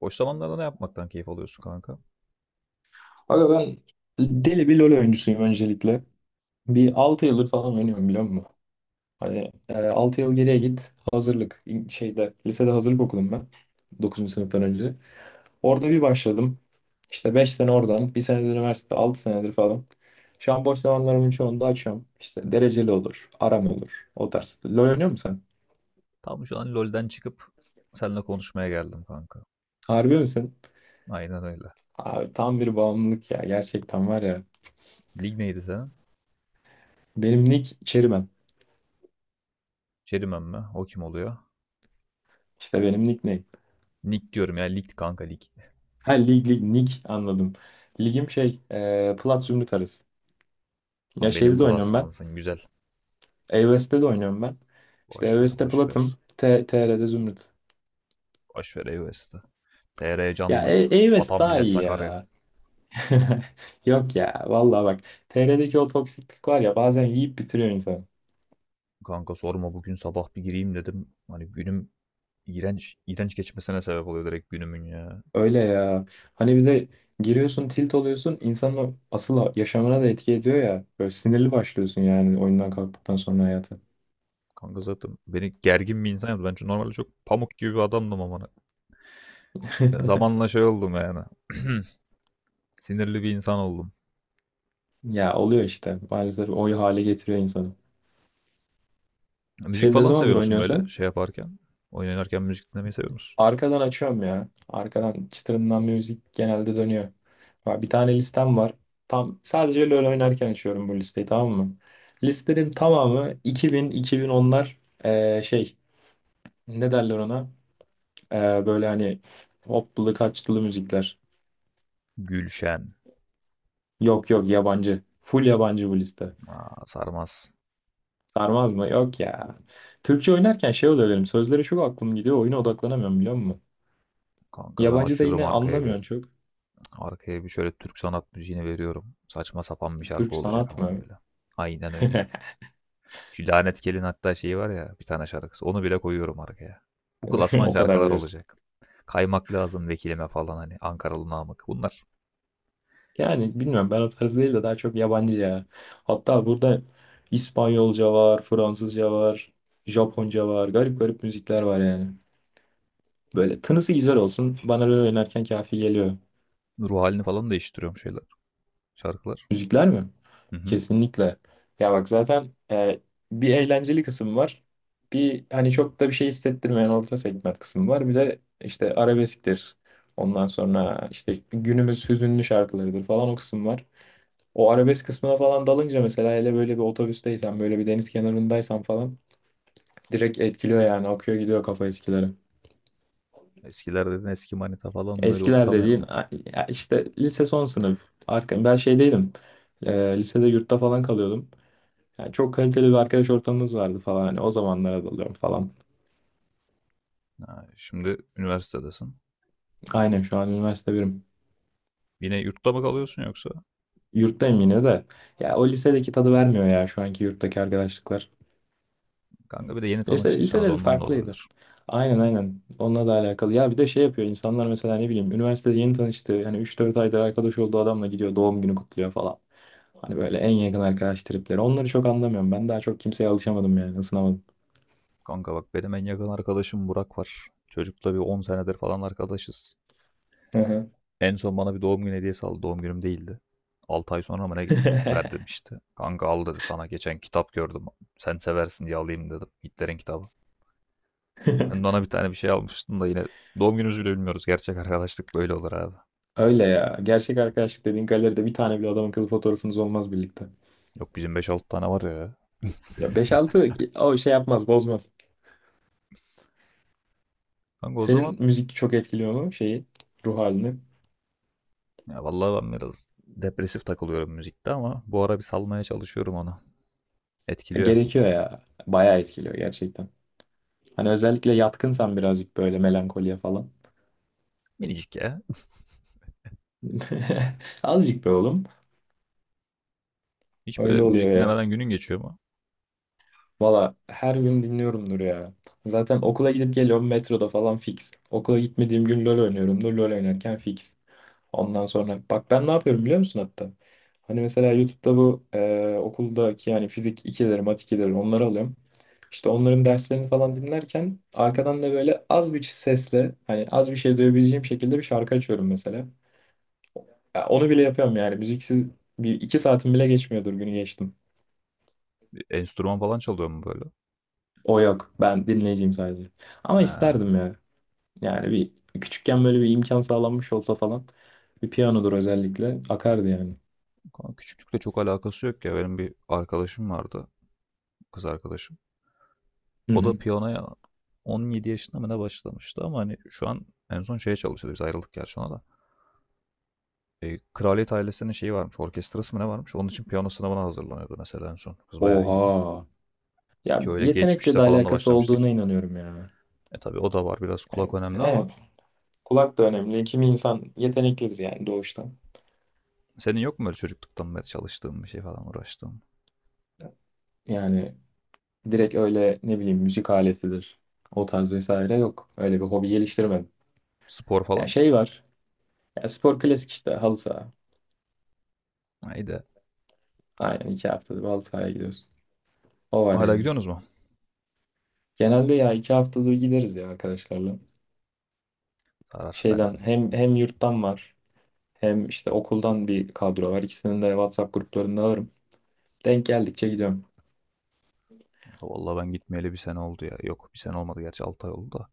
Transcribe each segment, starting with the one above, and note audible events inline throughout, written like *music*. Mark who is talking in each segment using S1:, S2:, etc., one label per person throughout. S1: Boş zamanlarda ne yapmaktan keyif alıyorsun kanka?
S2: Aga ben deli bir LoL oyuncusuyum öncelikle. Bir 6 yıldır falan oynuyorum biliyor musun? Hani 6 yıl geriye git hazırlık şeyde lisede hazırlık okudum ben dokuzuncu sınıftan önce. Orada bir başladım. İşte 5 sene oradan, bir sene de üniversite, 6 senedir falan. Şu an boş zamanlarımın çoğunu da açıyorum. İşte dereceli olur, aram olur. O tarz. LoL oynuyor musun sen?
S1: Tam şu an LoL'den çıkıp seninle konuşmaya geldim kanka.
S2: Harbi misin?
S1: Aynen öyle.
S2: Abi tam bir bağımlılık ya. Gerçekten var ya.
S1: Lig neydi senin?
S2: Benim nick Cherryman.
S1: Çerimen mi? O kim oluyor?
S2: İşte benim nick.
S1: Nick diyorum ya. Lig kanka lig.
S2: Ha, lig lig lig, anladım. Ligim şey, plat zümrüt arası. Ya
S1: Tam benim
S2: şeyde de oynuyorum ben.
S1: klasmansın güzel.
S2: E de oynuyorum ben. İşte
S1: Boş ver
S2: E-West'te
S1: boş ver.
S2: platım. TR'de zümrüt.
S1: Boş ver EOS'te. TR
S2: Ya
S1: candır. Vatan
S2: daha
S1: millet
S2: iyi
S1: Sakarya.
S2: ya. *laughs* Yok ya vallahi bak. TR'deki o toksiklik var ya, bazen yiyip bitiriyor insanı.
S1: Kanka sorma, bugün sabah bir gireyim dedim. Hani günüm iğrenç, iğrenç geçmesine sebep oluyor direkt günümün ya.
S2: Öyle ya. Hani bir de giriyorsun, tilt oluyorsun, insanın o asıl yaşamına da etki ediyor ya. Böyle sinirli başlıyorsun yani oyundan kalktıktan sonra hayata.
S1: Kanka zaten beni gergin bir insan yaptı. Ben çünkü normalde çok pamuk gibi bir adamdım ama hani. Ya
S2: *laughs*
S1: zamanla şey oldum yani. *clears throat* Sinirli bir insan oldum.
S2: Ya oluyor işte, maalesef o hale getiriyor insanı.
S1: Müzik
S2: Şey, ne
S1: falan
S2: zamandır
S1: seviyor musun
S2: oynuyorsun
S1: böyle
S2: sen?
S1: şey yaparken? Oyun oynarken müzik dinlemeyi seviyor musun?
S2: Arkadan açıyorum ya. Arkadan çıtırından müzik genelde dönüyor. Ha, bir tane listem var. Tam sadece LoL oynarken açıyorum bu listeyi, tamam mı? Listenin tamamı 2000 2010'lar, şey, ne derler ona? Böyle hani hoplulu kaçtılı müzikler.
S1: Gülşen.
S2: Yok yok, yabancı. Full yabancı bu liste.
S1: Aa, sarmaz.
S2: Sarmaz mı? Yok ya. Türkçe oynarken şey oluyor benim. Sözlere çok aklım gidiyor. Oyuna odaklanamıyorum, biliyor musun?
S1: Kanka ben
S2: Yabancı da
S1: açıyorum
S2: yine
S1: arkaya bir.
S2: anlamıyorsun çok.
S1: Arkaya bir şöyle Türk sanat müziğini veriyorum. Saçma sapan bir
S2: Türk
S1: şarkı olacak
S2: sanat
S1: ama
S2: mı?
S1: böyle. Aynen öyle.
S2: *laughs*
S1: Şu lanet gelin hatta şeyi var ya, bir tane şarkısı. Onu bile koyuyorum arkaya. Bu
S2: *laughs*
S1: klasman
S2: O kadar
S1: şarkılar
S2: diyorsun.
S1: olacak. Kaymak lazım vekilime falan, hani Ankaralı Namık. Bunlar
S2: Yani bilmiyorum, ben o tarz değil de daha çok yabancı ya. Hatta burada İspanyolca var, Fransızca var, Japonca var. Garip garip müzikler var yani. Böyle tınısı güzel olsun. Bana böyle oynarken kafi geliyor.
S1: ruh halini falan değiştiriyorum, şeyler. Şarkılar.
S2: Müzikler mi?
S1: Hı hı.
S2: Kesinlikle. Ya bak zaten, bir eğlenceli kısım var. Bir hani çok da bir şey hissettirmeyen orta segment kısım var. Bir de işte arabesktir. Ondan sonra işte günümüz hüzünlü şarkılarıdır falan o kısım var. O arabesk kısmına falan dalınca mesela, hele böyle bir otobüsteysen, böyle bir deniz kenarındaysan falan direkt etkiliyor yani, akıyor gidiyor kafa eskileri.
S1: Eskiler dedin, eski manita falan böyle
S2: Eskiler
S1: unutamayan.
S2: dediğin ya işte lise son sınıf. Ben şey değilim. Lisede yurtta falan kalıyordum. Yani çok kaliteli bir arkadaş ortamımız vardı falan. Hani o zamanlara dalıyorum falan.
S1: Ha, şimdi üniversitedesin.
S2: Aynen, şu an üniversite birim.
S1: Yine yurtta mı kalıyorsun yoksa?
S2: Yurttayım yine de. Ya o lisedeki tadı vermiyor ya şu anki yurttaki arkadaşlıklar.
S1: Kanka bir de yeni
S2: Lise,
S1: tanıştıysanız
S2: lisede bir
S1: ondan da
S2: farklıydı.
S1: olabilir.
S2: Aynen aynen. Onunla da alakalı. Ya bir de şey yapıyor insanlar mesela, ne bileyim, üniversitede yeni tanıştığı, yani 3-4 aydır arkadaş olduğu adamla gidiyor doğum günü kutluyor falan. Hani böyle en yakın arkadaş tripleri. Onları çok anlamıyorum. Ben daha çok kimseye alışamadım, yani ısınamadım.
S1: Kanka bak, benim en yakın arkadaşım Burak var. Çocukla bir 10 senedir falan arkadaşız.
S2: Hı hı.
S1: En son bana bir doğum günü hediyesi aldı. Doğum günüm değildi. 6 ay sonra mı ne verdim
S2: *laughs*
S1: işte. Kanka, al dedi, sana geçen kitap gördüm. Sen seversin diye alayım dedim. Hitler'in kitabı. Sen bana bir tane bir şey almıştın da yine, doğum günümüzü bile bilmiyoruz. Gerçek arkadaşlık böyle olur abi.
S2: Öyle ya. Gerçek arkadaşlık dediğin galeride bir tane bile adam akıllı fotoğrafınız olmaz birlikte.
S1: Yok bizim beş altı tane var ya.
S2: Ya beş altı o şey yapmaz bozmaz.
S1: Kanka o
S2: Senin
S1: zaman.
S2: müzik çok etkiliyor mu şeyi, ruh halini?
S1: Ya vallahi ben biraz depresif takılıyorum müzikte ama bu ara bir salmaya çalışıyorum onu.
S2: E,
S1: Etkiliyor.
S2: gerekiyor ya. Bayağı etkiliyor gerçekten. Hani özellikle yatkınsan birazcık böyle melankoliye falan.
S1: Minicik ya.
S2: *laughs* Azıcık be oğlum.
S1: Hiç böyle
S2: Öyle oluyor
S1: müzik
S2: ya.
S1: dinlemeden günün geçiyor mu?
S2: Valla her gün dinliyorumdur ya. Zaten okula gidip geliyorum, metroda falan fix. Okula gitmediğim gün LoL oynuyorumdur. LoL oynarken fix. Ondan sonra bak ben ne yapıyorum biliyor musun hatta? Hani mesela YouTube'da bu okuldaki yani fizik 2'leri, mat 2'leri, onları alıyorum. İşte onların derslerini falan dinlerken arkadan da böyle az bir sesle, hani az bir şey duyabileceğim şekilde bir şarkı açıyorum mesela. Ya onu bile yapıyorum yani. Müziksiz bir iki saatim bile geçmiyordur, günü geçtim.
S1: Bir enstrüman falan çalıyor mu böyle?
S2: O yok. Ben dinleyeceğim sadece. Ama
S1: Ha.
S2: isterdim ya. Yani bir küçükken böyle bir imkan sağlanmış olsa falan. Bir piyanodur özellikle. Akardı yani.
S1: Kanka küçüklükle çok alakası yok ya. Benim bir arkadaşım vardı. Kız arkadaşım.
S2: Hı
S1: O da
S2: hı.
S1: piyanoya 17 yaşında mı ne başlamıştı ama hani şu an en son şeye çalışıyordu. Biz ayrıldık gerçi ona da. Kraliyet ailesinin şeyi varmış. Orkestrası mı ne varmış? Onun için piyano sınavına hazırlanıyordu mesela en son. Kız bayağı iyiydi.
S2: Oha. Ya
S1: Ki öyle
S2: yetenekle
S1: geçmişte
S2: de
S1: falan da
S2: alakası
S1: başlamış değil.
S2: olduğuna inanıyorum ya.
S1: E tabii, o da var, biraz kulak önemli ama
S2: Evet. Kulak da önemli. Kimi insan yeteneklidir yani, doğuştan.
S1: senin yok mu böyle çocukluktan beri çalıştığın bir şey falan, uğraştığın?
S2: Yani direkt öyle, ne bileyim, müzik aletidir. O tarz vesaire yok. Öyle bir hobi geliştirmedim.
S1: Spor
S2: Ya
S1: falan?
S2: şey var. Ya spor, klasik işte, halı saha.
S1: Haydi.
S2: Aynen, 2 haftada bir halı sahaya gidiyoruz. O var
S1: Hala
S2: yani.
S1: gidiyorsunuz mu?
S2: Genelde ya 2 haftada bir gideriz ya arkadaşlarla.
S1: Sarar. Ben
S2: Şeyden hem yurttan var, hem işte okuldan bir kadro var. İkisinin de WhatsApp gruplarında varım. Denk geldikçe gidiyorum.
S1: vallahi ben gitmeyeli bir sene oldu ya. Yok, bir sene olmadı gerçi, 6 ay oldu da.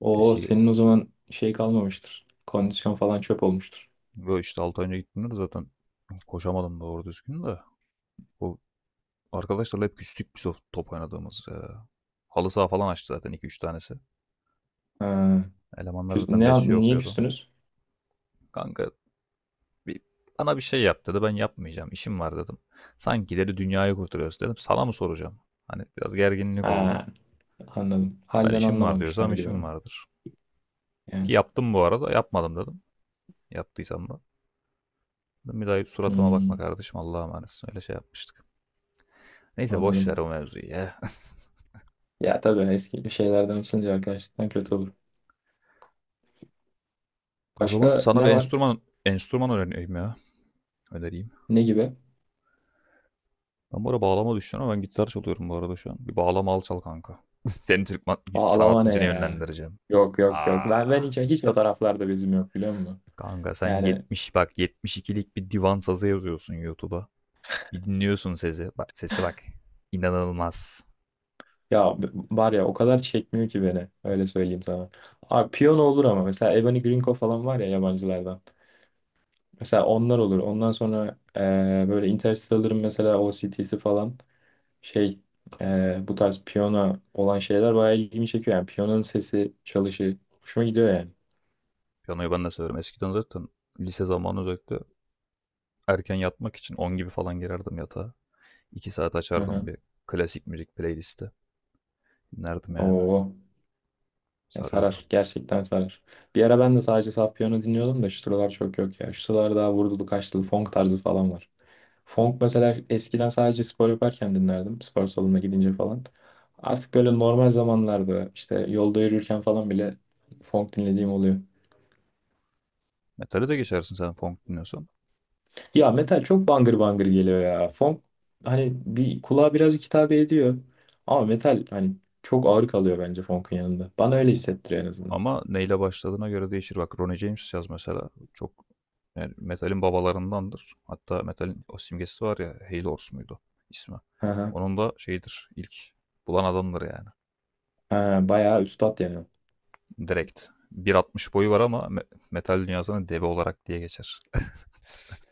S2: Oo,
S1: Eski
S2: senin o zaman şey kalmamıştır. Kondisyon falan çöp olmuştur.
S1: böyle, işte 6 ay önce gittiğimde de zaten koşamadım doğru düzgün de. Bu arkadaşlarla hep küstük biz, o top oynadığımız. Halı saha falan açtı zaten iki üç tanesi.
S2: Ha,
S1: Elemanlar zaten besliyor
S2: niye
S1: okuyordu.
S2: küstünüz?
S1: Kanka Bir, bana bir şey yap dedi. Ben yapmayacağım, işim var dedim. Sanki dedi dünyayı kurtarıyoruz, dedim, sana mı soracağım? Hani biraz gerginlik oldu.
S2: Ha, anladım.
S1: Ben
S2: Halden
S1: işim var
S2: anlamamışlar
S1: diyorsam
S2: gibi.
S1: işim vardır. Ki
S2: Yani
S1: yaptım bu arada. Yapmadım dedim. Yaptıysam da. Dedim, bir daha suratıma bakma
S2: hmm,
S1: kardeşim. Allah'a emanetsin. Öyle şey yapmıştık. Neyse boş
S2: anladım.
S1: ver o mevzuyu ya. *laughs*
S2: Ya tabii, eski şeylerden açılınca arkadaşlıktan kötü olur.
S1: O zaman
S2: Başka
S1: sana bir
S2: ne var?
S1: enstrüman öğreneyim ya. Önereyim.
S2: Ne gibi?
S1: Ben bu arada bağlama düşünüyorum ama ben gitar çalıyorum bu arada şu an. Bir bağlama al çal kanka. *laughs* Seni Türk
S2: Aa,
S1: sanat
S2: Almanya
S1: müziğine
S2: ya.
S1: yönlendireceğim.
S2: Yok yok yok. Ben
S1: Aa.
S2: hiç hiç o taraflarda bizim yok, biliyor musun?
S1: Kanka sen
S2: Yani,
S1: 70 bak, 72'lik bir divan sazı yazıyorsun YouTube'a. Bir dinliyorsun sesi. Bak sesi, bak. İnanılmaz.
S2: ya var ya, o kadar çekmiyor ki beni. Öyle söyleyeyim sana. Abi piyano olur ama mesela Ebony Grinko falan var ya yabancılardan. Mesela onlar olur. Ondan sonra böyle Interstellar'ın mesela OST'si falan, şey, bu tarz piyano olan şeyler bayağı ilgimi çekiyor. Yani piyanonun sesi, çalışı hoşuma gidiyor yani.
S1: Piyanoyu ben de severim. Eskiden zaten lise zamanı özellikle erken yatmak için 10 gibi falan girerdim yatağa. İki saat
S2: Hı
S1: açardım
S2: hı.
S1: bir klasik müzik playlisti. Dinlerdim yani.
S2: Oo. Ya
S1: Sarıyordu.
S2: sarar. Gerçekten sarar. Bir ara ben de sadece saf piyano dinliyordum da şu sıralar çok yok ya. Şu sıralar daha vurdulu kaçtılı funk tarzı falan var. Funk mesela eskiden sadece spor yaparken dinlerdim. Spor salonuna gidince falan. Artık böyle normal zamanlarda işte yolda yürürken falan bile funk dinlediğim oluyor.
S1: Metale de geçersin sen funk dinliyorsan.
S2: Ya metal çok bangır bangır geliyor ya. Funk hani bir kulağa birazcık hitap ediyor. Ama metal hani çok ağır kalıyor bence funk'un yanında. Bana öyle hissettiriyor en azından.
S1: Ama neyle başladığına göre değişir. Bak Ronnie James yaz mesela. Çok yani, metalin babalarındandır. Hatta metalin o simgesi var ya, Hale Horse muydu ismi.
S2: Hı hı.
S1: Onun da şeyidir, ilk bulan adamdır yani.
S2: Ha, bayağı üstat yani.
S1: Direkt. 1,60 boyu var ama metal dünyasına deve olarak diye geçer. *laughs*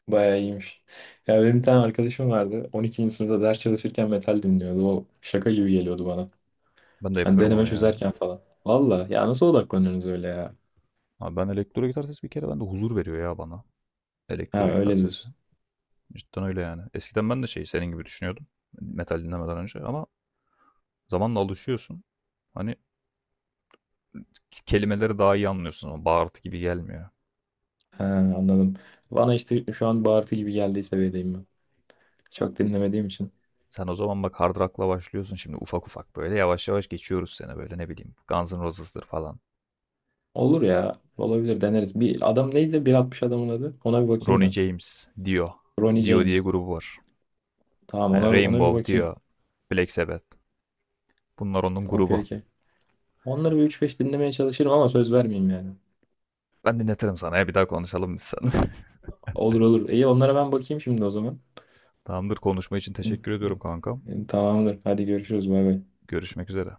S2: Bayağı iyiymiş. Ya benim bir tane arkadaşım vardı. 12. sınıfta ders çalışırken metal dinliyordu. O şaka gibi geliyordu bana.
S1: Ben de
S2: Hani
S1: yapıyorum
S2: deneme
S1: onu ya.
S2: çözerken falan. Valla ya, nasıl odaklanıyorsunuz öyle ya?
S1: Abi ben, elektro gitar sesi bir kere bende huzur veriyor ya, bana. Elektro
S2: Ha,
S1: gitar
S2: öyle
S1: sesi.
S2: diyorsun.
S1: Cidden öyle yani. Eskiden ben de şey, senin gibi düşünüyordum. Metal dinlemeden önce ama zamanla alışıyorsun. Hani kelimeleri daha iyi anlıyorsun ama bağırtı gibi gelmiyor.
S2: Ha, anladım. Bana işte şu an bağırtı gibi geldiği seviyedeyim ben. Çok dinlemediğim için.
S1: Sen o zaman bak, hard rock'la başlıyorsun, şimdi ufak ufak böyle yavaş yavaş geçiyoruz seni böyle ne bileyim Guns N' Roses'dır falan.
S2: Olur ya. Olabilir, deneriz. Bir adam neydi? 1.60 adamın adı. Ona bir bakayım
S1: Ronnie
S2: ben.
S1: James, Dio.
S2: Ronnie
S1: Dio diye
S2: James.
S1: grubu var.
S2: Tamam, ona
S1: Hani
S2: ona bir
S1: Rainbow,
S2: bakayım.
S1: Dio, Black Sabbath. Bunlar onun
S2: Okey
S1: grubu.
S2: okey. Onları bir üç beş dinlemeye çalışırım ama söz vermeyeyim yani.
S1: Ben dinletirim sana ya, bir daha konuşalım biz seninle.
S2: Olur olur. İyi, onlara ben bakayım şimdi o zaman.
S1: *laughs* Tamamdır, konuşma için
S2: Hı,
S1: teşekkür ediyorum kankam.
S2: hı. Tamamdır. Hadi görüşürüz. Bay bay.
S1: Görüşmek üzere.